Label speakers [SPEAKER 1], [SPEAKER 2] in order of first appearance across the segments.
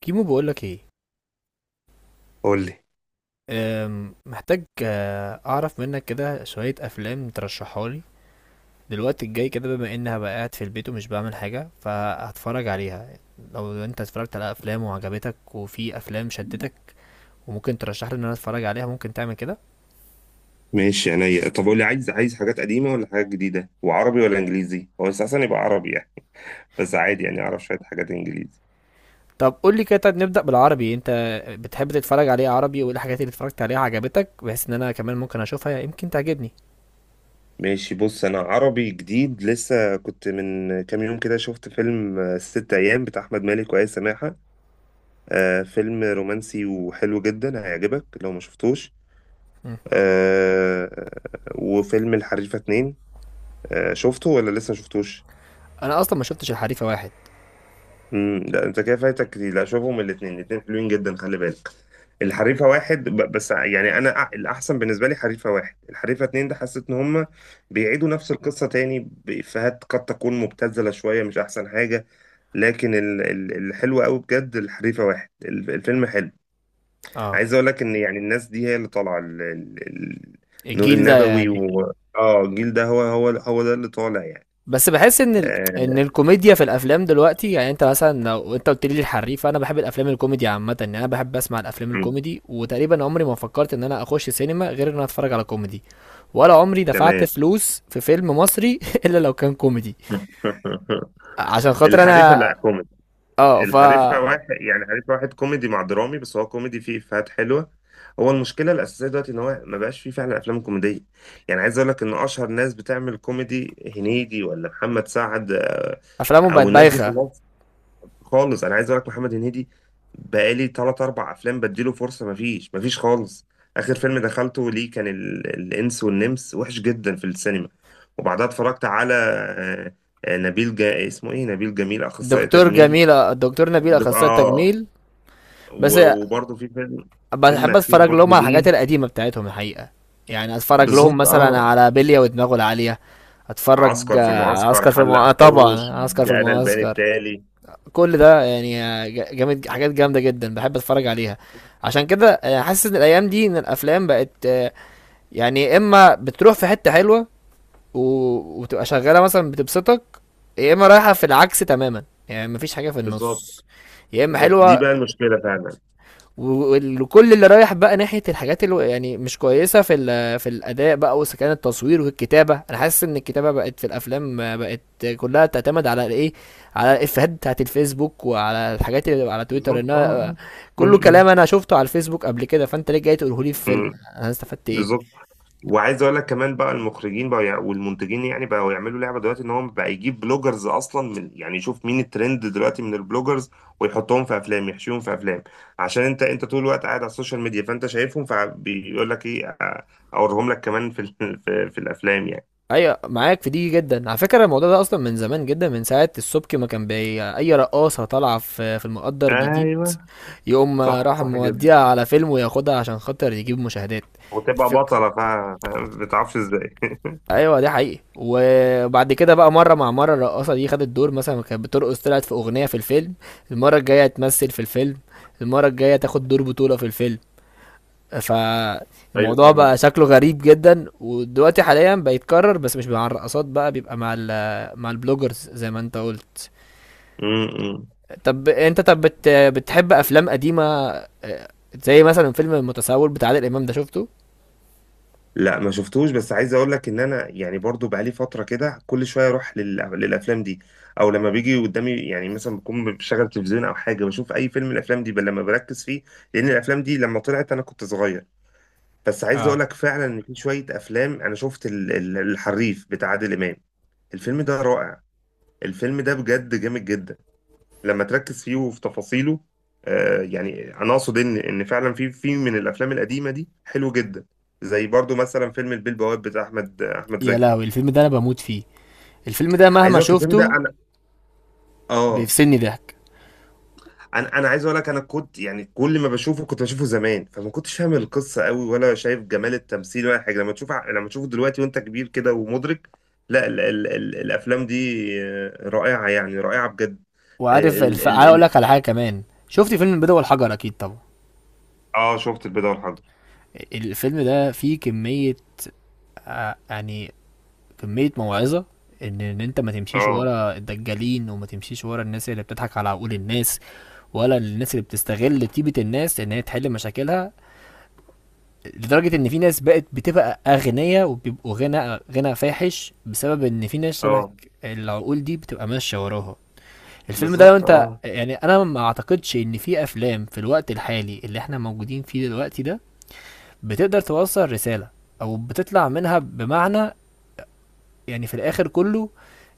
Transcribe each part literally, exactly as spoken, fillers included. [SPEAKER 1] كيمو، بقولك ايه؟
[SPEAKER 2] قول لي.
[SPEAKER 1] أم، محتاج، آه، اعرف منك كده شوية افلام ترشحها لي. دلوقتي الجاي كده، بما ان هبقى قاعد في البيت ومش بعمل حاجة، فهتفرج عليها. لو انت اتفرجت على افلام وعجبتك، وفي افلام شدتك وممكن ترشح لي ان انا اتفرج عليها، ممكن تعمل كده؟
[SPEAKER 2] ماشي عينيا. طب قول لي، عايز عايز حاجات قديمة ولا حاجات جديدة؟ وعربي ولا انجليزي؟ هو اساسا يبقى عربي يعني، بس عادي يعني اعرف شوية حاجات انجليزي.
[SPEAKER 1] طب قول لي كده. طيب نبدأ بالعربي. انت بتحب تتفرج عليه عربي، وايه الحاجات اللي اتفرجت عليها عجبتك، بحيث ان انا كمان ممكن اشوفها يمكن تعجبني.
[SPEAKER 2] ماشي، بص، انا عربي جديد لسه، كنت من كام يوم كده شفت فيلم آه، ست ايام بتاع احمد مالك وآية سماحة. آه فيلم رومانسي وحلو جدا، هيعجبك لو ما شفتوش.
[SPEAKER 1] مم.
[SPEAKER 2] آه. وفيلم الحريفة اتنين، آه شفته ولا لسه ما شفتوش؟
[SPEAKER 1] انا اصلا ما شفتش الحريفة واحد.
[SPEAKER 2] امم لا، انت كده فايتك كتير، لا شوفهم، الاثنين الاثنين حلوين جدا، خلي بالك. الحريفه واحد، ب- بس يعني انا أ- الاحسن بالنسبه لي حريفه واحد، الحريفه اتنين ده حسيت ان هم بيعيدوا نفس القصه تاني بافيهات قد تكون مبتذله شويه، مش احسن حاجه. لكن ال- ال- الحلو قوي بجد الحريفه واحد، ال- الفيلم حلو.
[SPEAKER 1] اه،
[SPEAKER 2] عايز اقول لك ان يعني الناس دي هي اللي طالعه، ال- ال- ال- نور
[SPEAKER 1] الجيل ده
[SPEAKER 2] النبوي
[SPEAKER 1] يعني.
[SPEAKER 2] و... اه الجيل ده هو هو هو ده اللي طالع يعني.
[SPEAKER 1] بس بحس ان ال... ان
[SPEAKER 2] آه.
[SPEAKER 1] الكوميديا في الافلام دلوقتي، يعني انت مثلا لو انت قلت لي الحريف، انا بحب الافلام الكوميدي عامه. يعني انا بحب اسمع الافلام
[SPEAKER 2] مم.
[SPEAKER 1] الكوميدي، وتقريبا عمري ما فكرت ان انا اخش سينما غير ان انا اتفرج على كوميدي. ولا عمري دفعت
[SPEAKER 2] تمام.
[SPEAKER 1] فلوس في فيلم مصري الا لو كان كوميدي. عشان خاطر
[SPEAKER 2] الحريفه،
[SPEAKER 1] انا.
[SPEAKER 2] لا.
[SPEAKER 1] اه، ف،
[SPEAKER 2] الحريفة واحد، يعني الحريفة واحد كوميدي مع درامي، بس هو كوميدي فيه إفيهات حلوة. هو المشكلة الأساسية دلوقتي إن هو ما بقاش فيه فعلا أفلام كوميدية. يعني عايز أقول لك إن أشهر ناس بتعمل كوميدي هنيدي ولا محمد سعد، آه،
[SPEAKER 1] افلامهم بقت
[SPEAKER 2] أو الناس دي
[SPEAKER 1] بايخه.
[SPEAKER 2] خلاص، خالص. أنا عايز أقول لك محمد هنيدي بقالي تلات أربع أفلام بديله فرصة، مفيش، مفيش خالص. آخر فيلم دخلته ليه كان ال... الإنس والنمس، وحش جدا في السينما. وبعدها اتفرجت على آه، آه، نبيل جا... اسمه إيه، نبيل جميل أخصائي
[SPEAKER 1] دكتور
[SPEAKER 2] تجميل.
[SPEAKER 1] جميل، دكتور نبيل
[SPEAKER 2] دك-
[SPEAKER 1] اخصائي
[SPEAKER 2] اه،
[SPEAKER 1] تجميل. بس
[SPEAKER 2] و- وبرضه في فيلم، فيلم
[SPEAKER 1] بحب
[SPEAKER 2] اخير
[SPEAKER 1] اتفرج
[SPEAKER 2] برضه
[SPEAKER 1] لهم على الحاجات
[SPEAKER 2] ليه.
[SPEAKER 1] القديمه بتاعتهم الحقيقه. يعني اتفرج لهم
[SPEAKER 2] بالظبط
[SPEAKER 1] مثلا
[SPEAKER 2] اه.
[SPEAKER 1] على بلية ودماغه العاليه، اتفرج
[SPEAKER 2] عسكر في
[SPEAKER 1] آه، على
[SPEAKER 2] المعسكر،
[SPEAKER 1] عسكر في
[SPEAKER 2] حلق
[SPEAKER 1] المعسكر.
[SPEAKER 2] حوش،
[SPEAKER 1] طبعا عسكر في
[SPEAKER 2] جانا البيان
[SPEAKER 1] المعسكر.
[SPEAKER 2] التالي.
[SPEAKER 1] كل ده يعني، آه، ج- جامد، حاجات جامده جدا بحب اتفرج عليها. عشان كده آه، حاسس ان الايام دي ان الافلام بقت، آه، يعني يا اما بتروح في حته حلوه، و- وبتبقى شغاله مثلا بتبسطك، يا اما رايحه في العكس تماما. يعني مفيش حاجه في
[SPEAKER 2] بالظبط.
[SPEAKER 1] النص، يا اما
[SPEAKER 2] بالظبط، دي
[SPEAKER 1] حلوه.
[SPEAKER 2] بقى المشكله فعلا.
[SPEAKER 1] وكل اللي رايح بقى ناحيه الحاجات اللي يعني مش كويسه في ال- في الاداء بقى، وإذا كان التصوير والكتابه، انا حاسس ان الكتابه بقت في الافلام، بقت كلها تعتمد على الايه، على الافيهات بتاعت الفيسبوك وعلى الحاجات اللي على تويتر.
[SPEAKER 2] بالظبط اه.
[SPEAKER 1] انها
[SPEAKER 2] آه. م-
[SPEAKER 1] كله كلام
[SPEAKER 2] م-
[SPEAKER 1] انا شفته على الفيسبوك قبل كده، فانت ليه جاي تقوله لي في فيلم؟
[SPEAKER 2] م.
[SPEAKER 1] انا استفدت
[SPEAKER 2] بالظبط.
[SPEAKER 1] ايه؟
[SPEAKER 2] وعايز اقول لك كمان بقى المخرجين بقى، يع- والمنتجين يعني بقوا يعملوا لعبه دلوقتي ان هم بقى يجيب بلوجرز اصلا، من يعني يشوف مين الترند دلوقتي من البلوجرز، ويحطهم في افلام، يحشيهم في افلام، عشان انت، انت طول الوقت قاعد على السوشيال ميديا، فانت شايفهم، فبيقول لك ايه، آه، اوريهم لك كمان في ال- في, في الافلام يعني.
[SPEAKER 1] ايوه، معاك في دي جدا. على فكره الموضوع ده اصلا من زمان جدا، من ساعه السبكي ما كان بي اي رقاصه طالعه في في المقدر جديد،
[SPEAKER 2] ايوه.
[SPEAKER 1] يقوم
[SPEAKER 2] صح،
[SPEAKER 1] راح
[SPEAKER 2] صح جدا.
[SPEAKER 1] موديها على فيلم وياخدها عشان خاطر يجيب مشاهدات.
[SPEAKER 2] وتبقى
[SPEAKER 1] الفكرة
[SPEAKER 2] بطله، ف- فاهم؟ ما بتعرفش ازاي.
[SPEAKER 1] ايوه، ده حقيقي. وبعد كده بقى مره مع مره، الرقاصه دي خدت دور، مثلا كانت بترقص طلعت في اغنيه في الفيلم، المره الجايه تمثل في الفيلم، المره الجايه تاخد دور بطوله في الفيلم.
[SPEAKER 2] ايوه
[SPEAKER 1] فالموضوع بقى
[SPEAKER 2] فاهمك.
[SPEAKER 1] شكله غريب جدا، ودلوقتي حاليا بيتكرر، بس مش مع الرقصات بقى، بيبقى مع ال- مع البلوجرز زي ما انت قلت.
[SPEAKER 2] م- م.
[SPEAKER 1] طب انت طب بت- بتحب افلام قديمه؟ آه، زي مثلا فيلم المتسول بتاع عادل امام ده، شفته؟
[SPEAKER 2] لا، ما شفتوش، بس عايز اقول لك ان انا يعني برضو بقالي فتره كده كل شويه اروح لل... للافلام دي، او لما بيجي قدامي يعني، مثلا بكون بشغل تلفزيون او حاجه بشوف اي فيلم، الافلام دي بل لما بركز فيه، لان الافلام دي لما طلعت انا كنت صغير. بس عايز اقول
[SPEAKER 1] اه،
[SPEAKER 2] لك فعلا ان في شويه افلام، انا شفت ال... ال- الحريف بتاع عادل امام. الفيلم ده رائع، الفيلم ده بجد جامد جدا لما تركز فيه وفي تفاصيله. آه، يعني انا اقصد ان ان فعلا في في من الافلام القديمه دي حلو جدا. زي برضو مثلا فيلم البيه البواب بتاع احمد احمد
[SPEAKER 1] يا
[SPEAKER 2] زكي.
[SPEAKER 1] لهوي، الفيلم ده انا بموت فيه. الفيلم ده
[SPEAKER 2] عايز
[SPEAKER 1] مهما
[SPEAKER 2] اقول لك الفيلم ده
[SPEAKER 1] شفته
[SPEAKER 2] انا، اه،
[SPEAKER 1] بيفصلني ضحك.
[SPEAKER 2] انا انا عايز اقول لك، انا كنت يعني كل ما بشوفه كنت بشوفه زمان، فما كنتش فاهم القصه قوي، ولا شايف جمال التمثيل ولا حاجه، لما تشوف لما تشوفه دلوقتي وانت كبير كده ومدرك، لا، ال ال ال الافلام دي آه، رائعه يعني، رائعه بجد.
[SPEAKER 1] وعارف
[SPEAKER 2] ال
[SPEAKER 1] الف... عايز
[SPEAKER 2] ال
[SPEAKER 1] اقول
[SPEAKER 2] ال
[SPEAKER 1] لك على حاجه كمان. شفت فيلم البيضه والحجر؟ اكيد طبعا.
[SPEAKER 2] اه، شفت البيضه والحجر.
[SPEAKER 1] الفيلم ده فيه كميه، آه، يعني كمية موعظة، ان ان انت ما تمشيش
[SPEAKER 2] اه.
[SPEAKER 1] ورا الدجالين، وما تمشيش ورا الناس اللي بتضحك على عقول الناس، ولا الناس اللي بتستغل طيبة الناس ان هي تحل مشاكلها، لدرجة ان في ناس بقت بتبقى اغنياء وبيبقوا غنى غنى فاحش بسبب ان في ناس شبه
[SPEAKER 2] اه،
[SPEAKER 1] العقول دي بتبقى ماشية وراها. الفيلم ده، لو
[SPEAKER 2] بالظبط
[SPEAKER 1] انت
[SPEAKER 2] اه.
[SPEAKER 1] يعني، انا ما اعتقدش ان في افلام في الوقت الحالي اللي احنا موجودين فيه دلوقتي ده بتقدر توصل رسالة، او بتطلع منها بمعنى، يعني في الاخر كله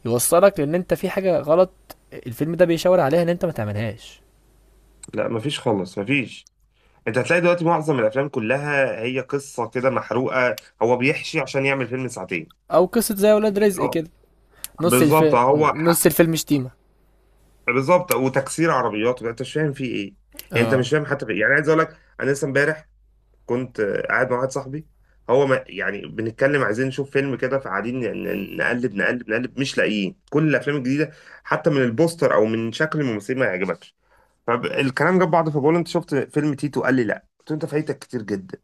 [SPEAKER 1] يوصلك لان انت في حاجه غلط، الفيلم ده بيشاور عليها ان انت ما تعملهاش.
[SPEAKER 2] لا مفيش خالص، مفيش. انت هتلاقي دلوقتي معظم الافلام كلها هي قصه كده محروقه، هو بيحشي عشان يعمل فيلم ساعتين.
[SPEAKER 1] او قصه زي ولاد رزق
[SPEAKER 2] اه،
[SPEAKER 1] كده، نص الف...
[SPEAKER 2] بالظبط اه، هو ح-
[SPEAKER 1] نص الفيلم شتيمه.
[SPEAKER 2] بالظبط. وتكسير عربيات، انت مش فاهم فيه ايه، يعني انت
[SPEAKER 1] اه،
[SPEAKER 2] مش فاهم حتى في... إيه؟ يعني عايز اقول لك، انا لسه امبارح كنت آه، قاعد مع واحد صاحبي، هو ما... يعني بنتكلم عايزين نشوف فيلم كده، فقاعدين ن- ن- نقلب نقلب نقلب، مش لاقيين، كل الافلام الجديده حتى من البوستر او من شكل الممثلين ما يعجبكش. فالكلام جاب بعض، فبقول له، انت شفت فيلم تيتو؟ قال لي لا، قلت له انت فايتك كتير جدا،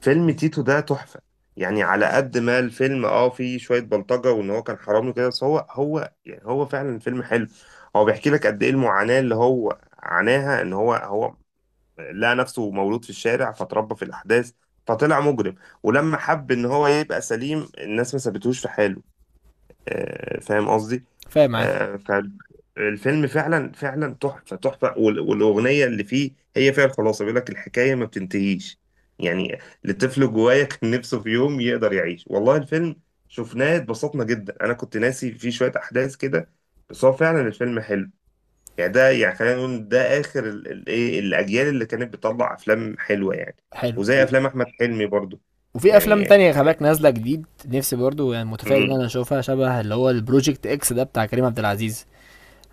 [SPEAKER 2] فيلم تيتو ده تحفة. يعني على قد ما الفيلم اه فيه شوية بلطجة وان هو كان حرامي كده، بس هو هو يعني هو فعلا فيلم حلو. هو بيحكي لك قد ايه المعاناة اللي هو عاناها، ان هو هو لقى نفسه مولود في الشارع، فتربى في الاحداث، فطلع مجرم. ولما حب ان هو يبقى سليم، الناس ما سابتهوش في حاله، آه، فاهم قصدي؟
[SPEAKER 1] فاهم معاك.
[SPEAKER 2] آه. فالفيلم فعلا فعلا تحفة، تحفة، وال- والأغنية اللي فيه هي فيها الخلاصة، بيقول لك الحكاية ما بتنتهيش، يعني لطفل جوايا كان نفسه في يوم يقدر يعيش. والله الفيلم شفناه اتبسطنا جدا، أنا كنت ناسي فيه شوية أحداث كده، بس هو فعلا الفيلم حلو. يعني ده، يعني خلينا نقول ده آخر ال- ال- إيه، الأجيال اللي كانت بتطلع أفلام حلوة يعني،
[SPEAKER 1] حلو و...
[SPEAKER 2] وزي أفلام أحمد حلمي برضو
[SPEAKER 1] وفي افلام
[SPEAKER 2] يعني.
[SPEAKER 1] تانية خلي بالك نازله جديد، نفسي برضو يعني متفائل ان انا
[SPEAKER 2] مم.
[SPEAKER 1] اشوفها، شبه اللي هو البروجكت اكس ده بتاع كريم عبد العزيز.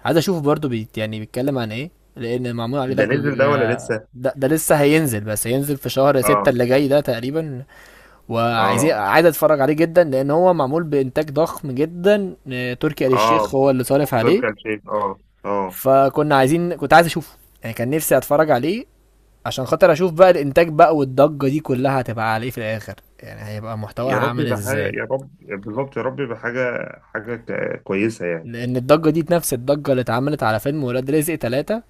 [SPEAKER 1] عايز اشوفه برضو، بيت يعني بيتكلم عن ايه، لان معمول عليه
[SPEAKER 2] ده
[SPEAKER 1] ضجه.
[SPEAKER 2] نزل ده ولا لسه؟
[SPEAKER 1] ج- ده, ده لسه هينزل، بس هينزل في شهر ستة
[SPEAKER 2] آه.
[SPEAKER 1] اللي جاي ده تقريبا. وعايزين
[SPEAKER 2] آه.
[SPEAKER 1] عايز اتفرج عليه جدا، لان هو معمول بانتاج ضخم جدا. آه، تركي آل
[SPEAKER 2] اه،
[SPEAKER 1] الشيخ هو اللي صارف
[SPEAKER 2] تركي
[SPEAKER 1] عليه.
[SPEAKER 2] آل الشيخ، اه. اه.
[SPEAKER 1] فكنا عايزين كنت عايز اشوفه، يعني كان نفسي اتفرج عليه، عشان خاطر اشوف بقى الانتاج بقى والضجة دي كلها هتبقى على ايه في الاخر، يعني هيبقى محتواها
[SPEAKER 2] يا رب
[SPEAKER 1] عامل
[SPEAKER 2] يبقى حاجة،
[SPEAKER 1] ازاي.
[SPEAKER 2] يا رب. بالظبط، يا رب يبقى حاجة، حاجة ك- كويسة يعني.
[SPEAKER 1] لان الضجة دي نفس الضجة اللي اتعملت على فيلم ولاد رزق تلاتة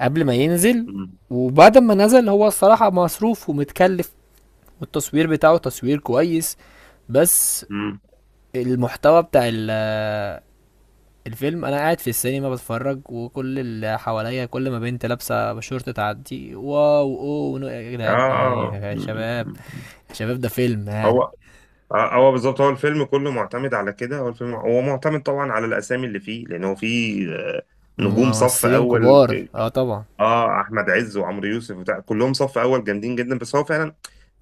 [SPEAKER 1] قبل ما ينزل،
[SPEAKER 2] مم.
[SPEAKER 1] وبعد ما نزل، هو الصراحة مصروف ومتكلف، والتصوير بتاعه تصوير كويس، بس
[SPEAKER 2] مم.
[SPEAKER 1] المحتوى بتاع ال- الفيلم، انا قاعد في السينما بتفرج، وكل اللي حواليا كل ما بنت لابسه شورت تعدي: واو، اوه، ونو- يا
[SPEAKER 2] اه،
[SPEAKER 1] جدعان، ايه
[SPEAKER 2] اه.
[SPEAKER 1] يا
[SPEAKER 2] مم.
[SPEAKER 1] شباب،
[SPEAKER 2] مم.
[SPEAKER 1] يا شباب ده فيلم يعني.
[SPEAKER 2] هو، آه، هو بالظبط، هو الفيلم كله معتمد على كده، هو الفيلم هو معتمد طبعا على الأسامي اللي فيه، لأن هو فيه، آه، نجوم صف
[SPEAKER 1] ممثلين
[SPEAKER 2] أول،
[SPEAKER 1] كبار، اه طبعا.
[SPEAKER 2] اه أحمد عز وعمرو يوسف وبتاع كلهم صف أول جامدين جدا، بس هو فعلا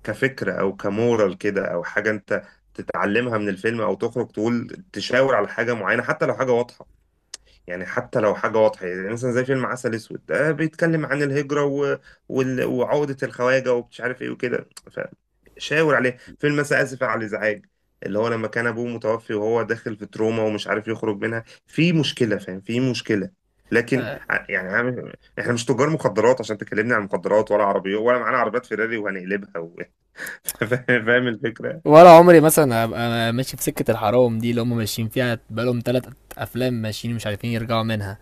[SPEAKER 2] كفكرة أو كمورال كده أو حاجة أنت تتعلمها من الفيلم أو تخرج تقول تشاور على حاجة معينة حتى لو حاجة واضحة. يعني حتى لو حاجة واضحة، يعني مثلا زي فيلم عسل أسود ده بيتكلم عن الهجرة، و... وال... وعقدة الخواجة ومش عارف إيه وكده، فشاور عليه. فيلم مثلا آسف على الإزعاج، اللي هو لما كان أبوه متوفي وهو داخل في تروما ومش عارف يخرج منها، في مشكلة، فاهم، في مشكلة. لكن
[SPEAKER 1] آه،
[SPEAKER 2] ع- يعني عم- احنا مش تجار مخدرات عشان تكلمني عن مخدرات ولا عربيات، ولا معانا عربيات فيراري وهنقلبها و... فاهم، فاهم الفكرة؟
[SPEAKER 1] ولا عمري مثلا ابقى ماشي في سكه الحرام دي اللي هم ماشيين فيها بقالهم ثلاث افلام، ماشيين مش عارفين يرجعوا منها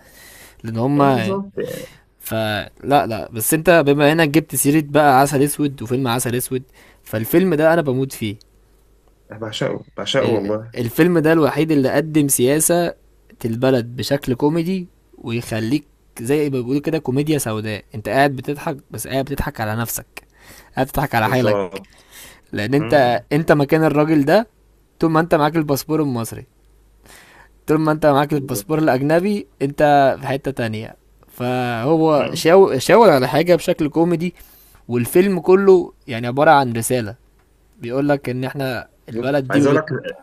[SPEAKER 1] لان هم،
[SPEAKER 2] ايوه بالظبط يعني.
[SPEAKER 1] فلا لا لا، بس انت بما انك جبت سيره بقى عسل اسود، وفيلم عسل اسود، فالفيلم ده انا بموت فيه.
[SPEAKER 2] أنا بعشقه، بعشقه
[SPEAKER 1] ال-
[SPEAKER 2] والله.
[SPEAKER 1] الفيلم ده الوحيد اللي قدم سياسة البلد بشكل كوميدي، ويخليك زي ما بيقولوا كده كوميديا سوداء، انت قاعد بتضحك، بس قاعد بتضحك على نفسك، قاعد بتضحك على حالك،
[SPEAKER 2] بالظبط.
[SPEAKER 1] لان
[SPEAKER 2] م-
[SPEAKER 1] انت
[SPEAKER 2] م.
[SPEAKER 1] انت مكان الراجل ده. طول ما انت معاك الباسبور المصري، طول ما انت معاك
[SPEAKER 2] بالظبط.
[SPEAKER 1] الباسبور الاجنبي انت في حتة تانية. فهو
[SPEAKER 2] م.
[SPEAKER 1] شاو- شاور على حاجة بشكل كوميدي. والفيلم كله يعني عبارة عن رسالة بيقولك ان احنا
[SPEAKER 2] بالظبط.
[SPEAKER 1] البلد دي،
[SPEAKER 2] عايز اقول لك.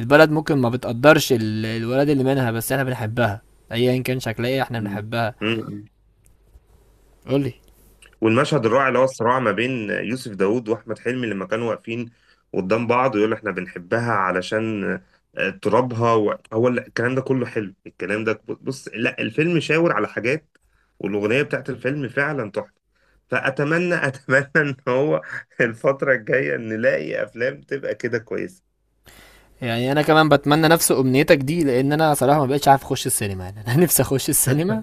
[SPEAKER 1] البلد ممكن ما بتقدرش ال- الولاد اللي منها، بس احنا بنحبها ايا كان شكلها ايه، احنا
[SPEAKER 2] مم.
[SPEAKER 1] بنحبها.
[SPEAKER 2] مم.
[SPEAKER 1] قولي.
[SPEAKER 2] والمشهد الرائع اللي هو الصراع ما بين يوسف داوود واحمد حلمي لما كانوا واقفين قدام بعض، ويقول احنا بنحبها علشان آه، ترابها، و- هو ال- الكلام ده كله حلو. الكلام ده بص، لا الفيلم شاور على حاجات، والاغنيه بتاعت الفيلم فعلا تحفه. فاتمنى، اتمنى ان هو الفتره الجايه نلاقي افلام تبقى كده كويسه.
[SPEAKER 1] يعني انا كمان بتمنى نفس امنيتك دي، لان انا صراحه ما بقتش عارف اخش السينما، يعني انا نفسي اخش السينما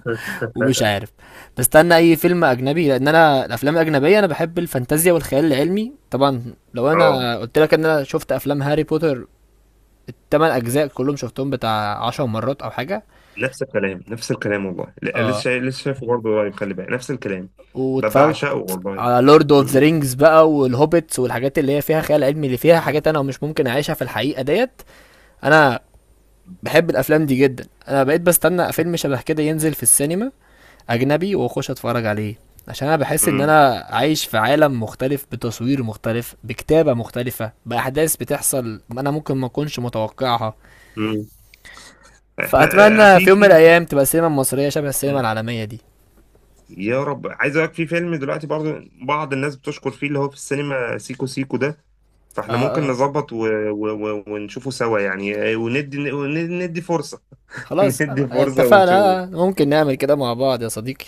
[SPEAKER 1] ومش عارف. بستنى اي فيلم اجنبي، لان انا الافلام الاجنبيه، انا بحب الفانتازيا والخيال العلمي طبعا. لو
[SPEAKER 2] اه،
[SPEAKER 1] انا قلت لك ان انا شفت افلام هاري بوتر الثمان اجزاء كلهم، شفتهم بتاع عشر مرات او حاجه.
[SPEAKER 2] نفس الكلام، نفس الكلام والله، لا، لسه
[SPEAKER 1] اه.
[SPEAKER 2] شايف، لسه شايفه برضه قريب، خلي بالك، نفس الكلام. ب-
[SPEAKER 1] واتفرجت
[SPEAKER 2] بعشقه والله.
[SPEAKER 1] على لورد اوف ذا
[SPEAKER 2] م-
[SPEAKER 1] رينجز بقى والهوبيتس والحاجات اللي هي فيها خيال علمي، اللي فيها
[SPEAKER 2] م-
[SPEAKER 1] حاجات انا مش ممكن اعيشها في الحقيقه ديت. انا بحب الافلام دي جدا، انا بقيت بستنى فيلم شبه كده ينزل في السينما اجنبي واخش اتفرج عليه، عشان انا بحس ان
[SPEAKER 2] م-
[SPEAKER 1] انا عايش في عالم مختلف، بتصوير مختلف، بكتابه مختلفه، باحداث بتحصل انا ممكن ما اكونش متوقعها.
[SPEAKER 2] م. احنا، آه،
[SPEAKER 1] فاتمنى
[SPEAKER 2] في
[SPEAKER 1] في يوم من
[SPEAKER 2] في
[SPEAKER 1] الايام تبقى السينما المصريه شبه السينما العالميه دي.
[SPEAKER 2] يا رب، عايز اقول لك، في فيلم دلوقتي برضه بعض الناس بتشكر فيه اللي هو في السينما، سيكو سيكو ده،
[SPEAKER 1] اه
[SPEAKER 2] فاحنا ممكن
[SPEAKER 1] اه،
[SPEAKER 2] نظبط و... و... و... ونشوفه سوا يعني، آه، وندي، ون- ندي فرصة.
[SPEAKER 1] خلاص
[SPEAKER 2] ندي فرصة ونشوفه.
[SPEAKER 1] اتفقنا، ممكن نعمل كده مع بعض يا صديقي.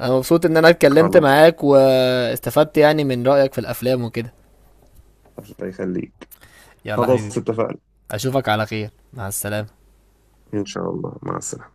[SPEAKER 1] انا مبسوط ان انا اتكلمت
[SPEAKER 2] خلاص.
[SPEAKER 1] معاك، واستفدت يعني من رأيك في الافلام وكده.
[SPEAKER 2] الله يخليك.
[SPEAKER 1] يلا
[SPEAKER 2] خلاص
[SPEAKER 1] حبيبي،
[SPEAKER 2] اتفقنا.
[SPEAKER 1] اشوفك على خير، مع السلامة.
[SPEAKER 2] إن شاء الله، مع السلامة.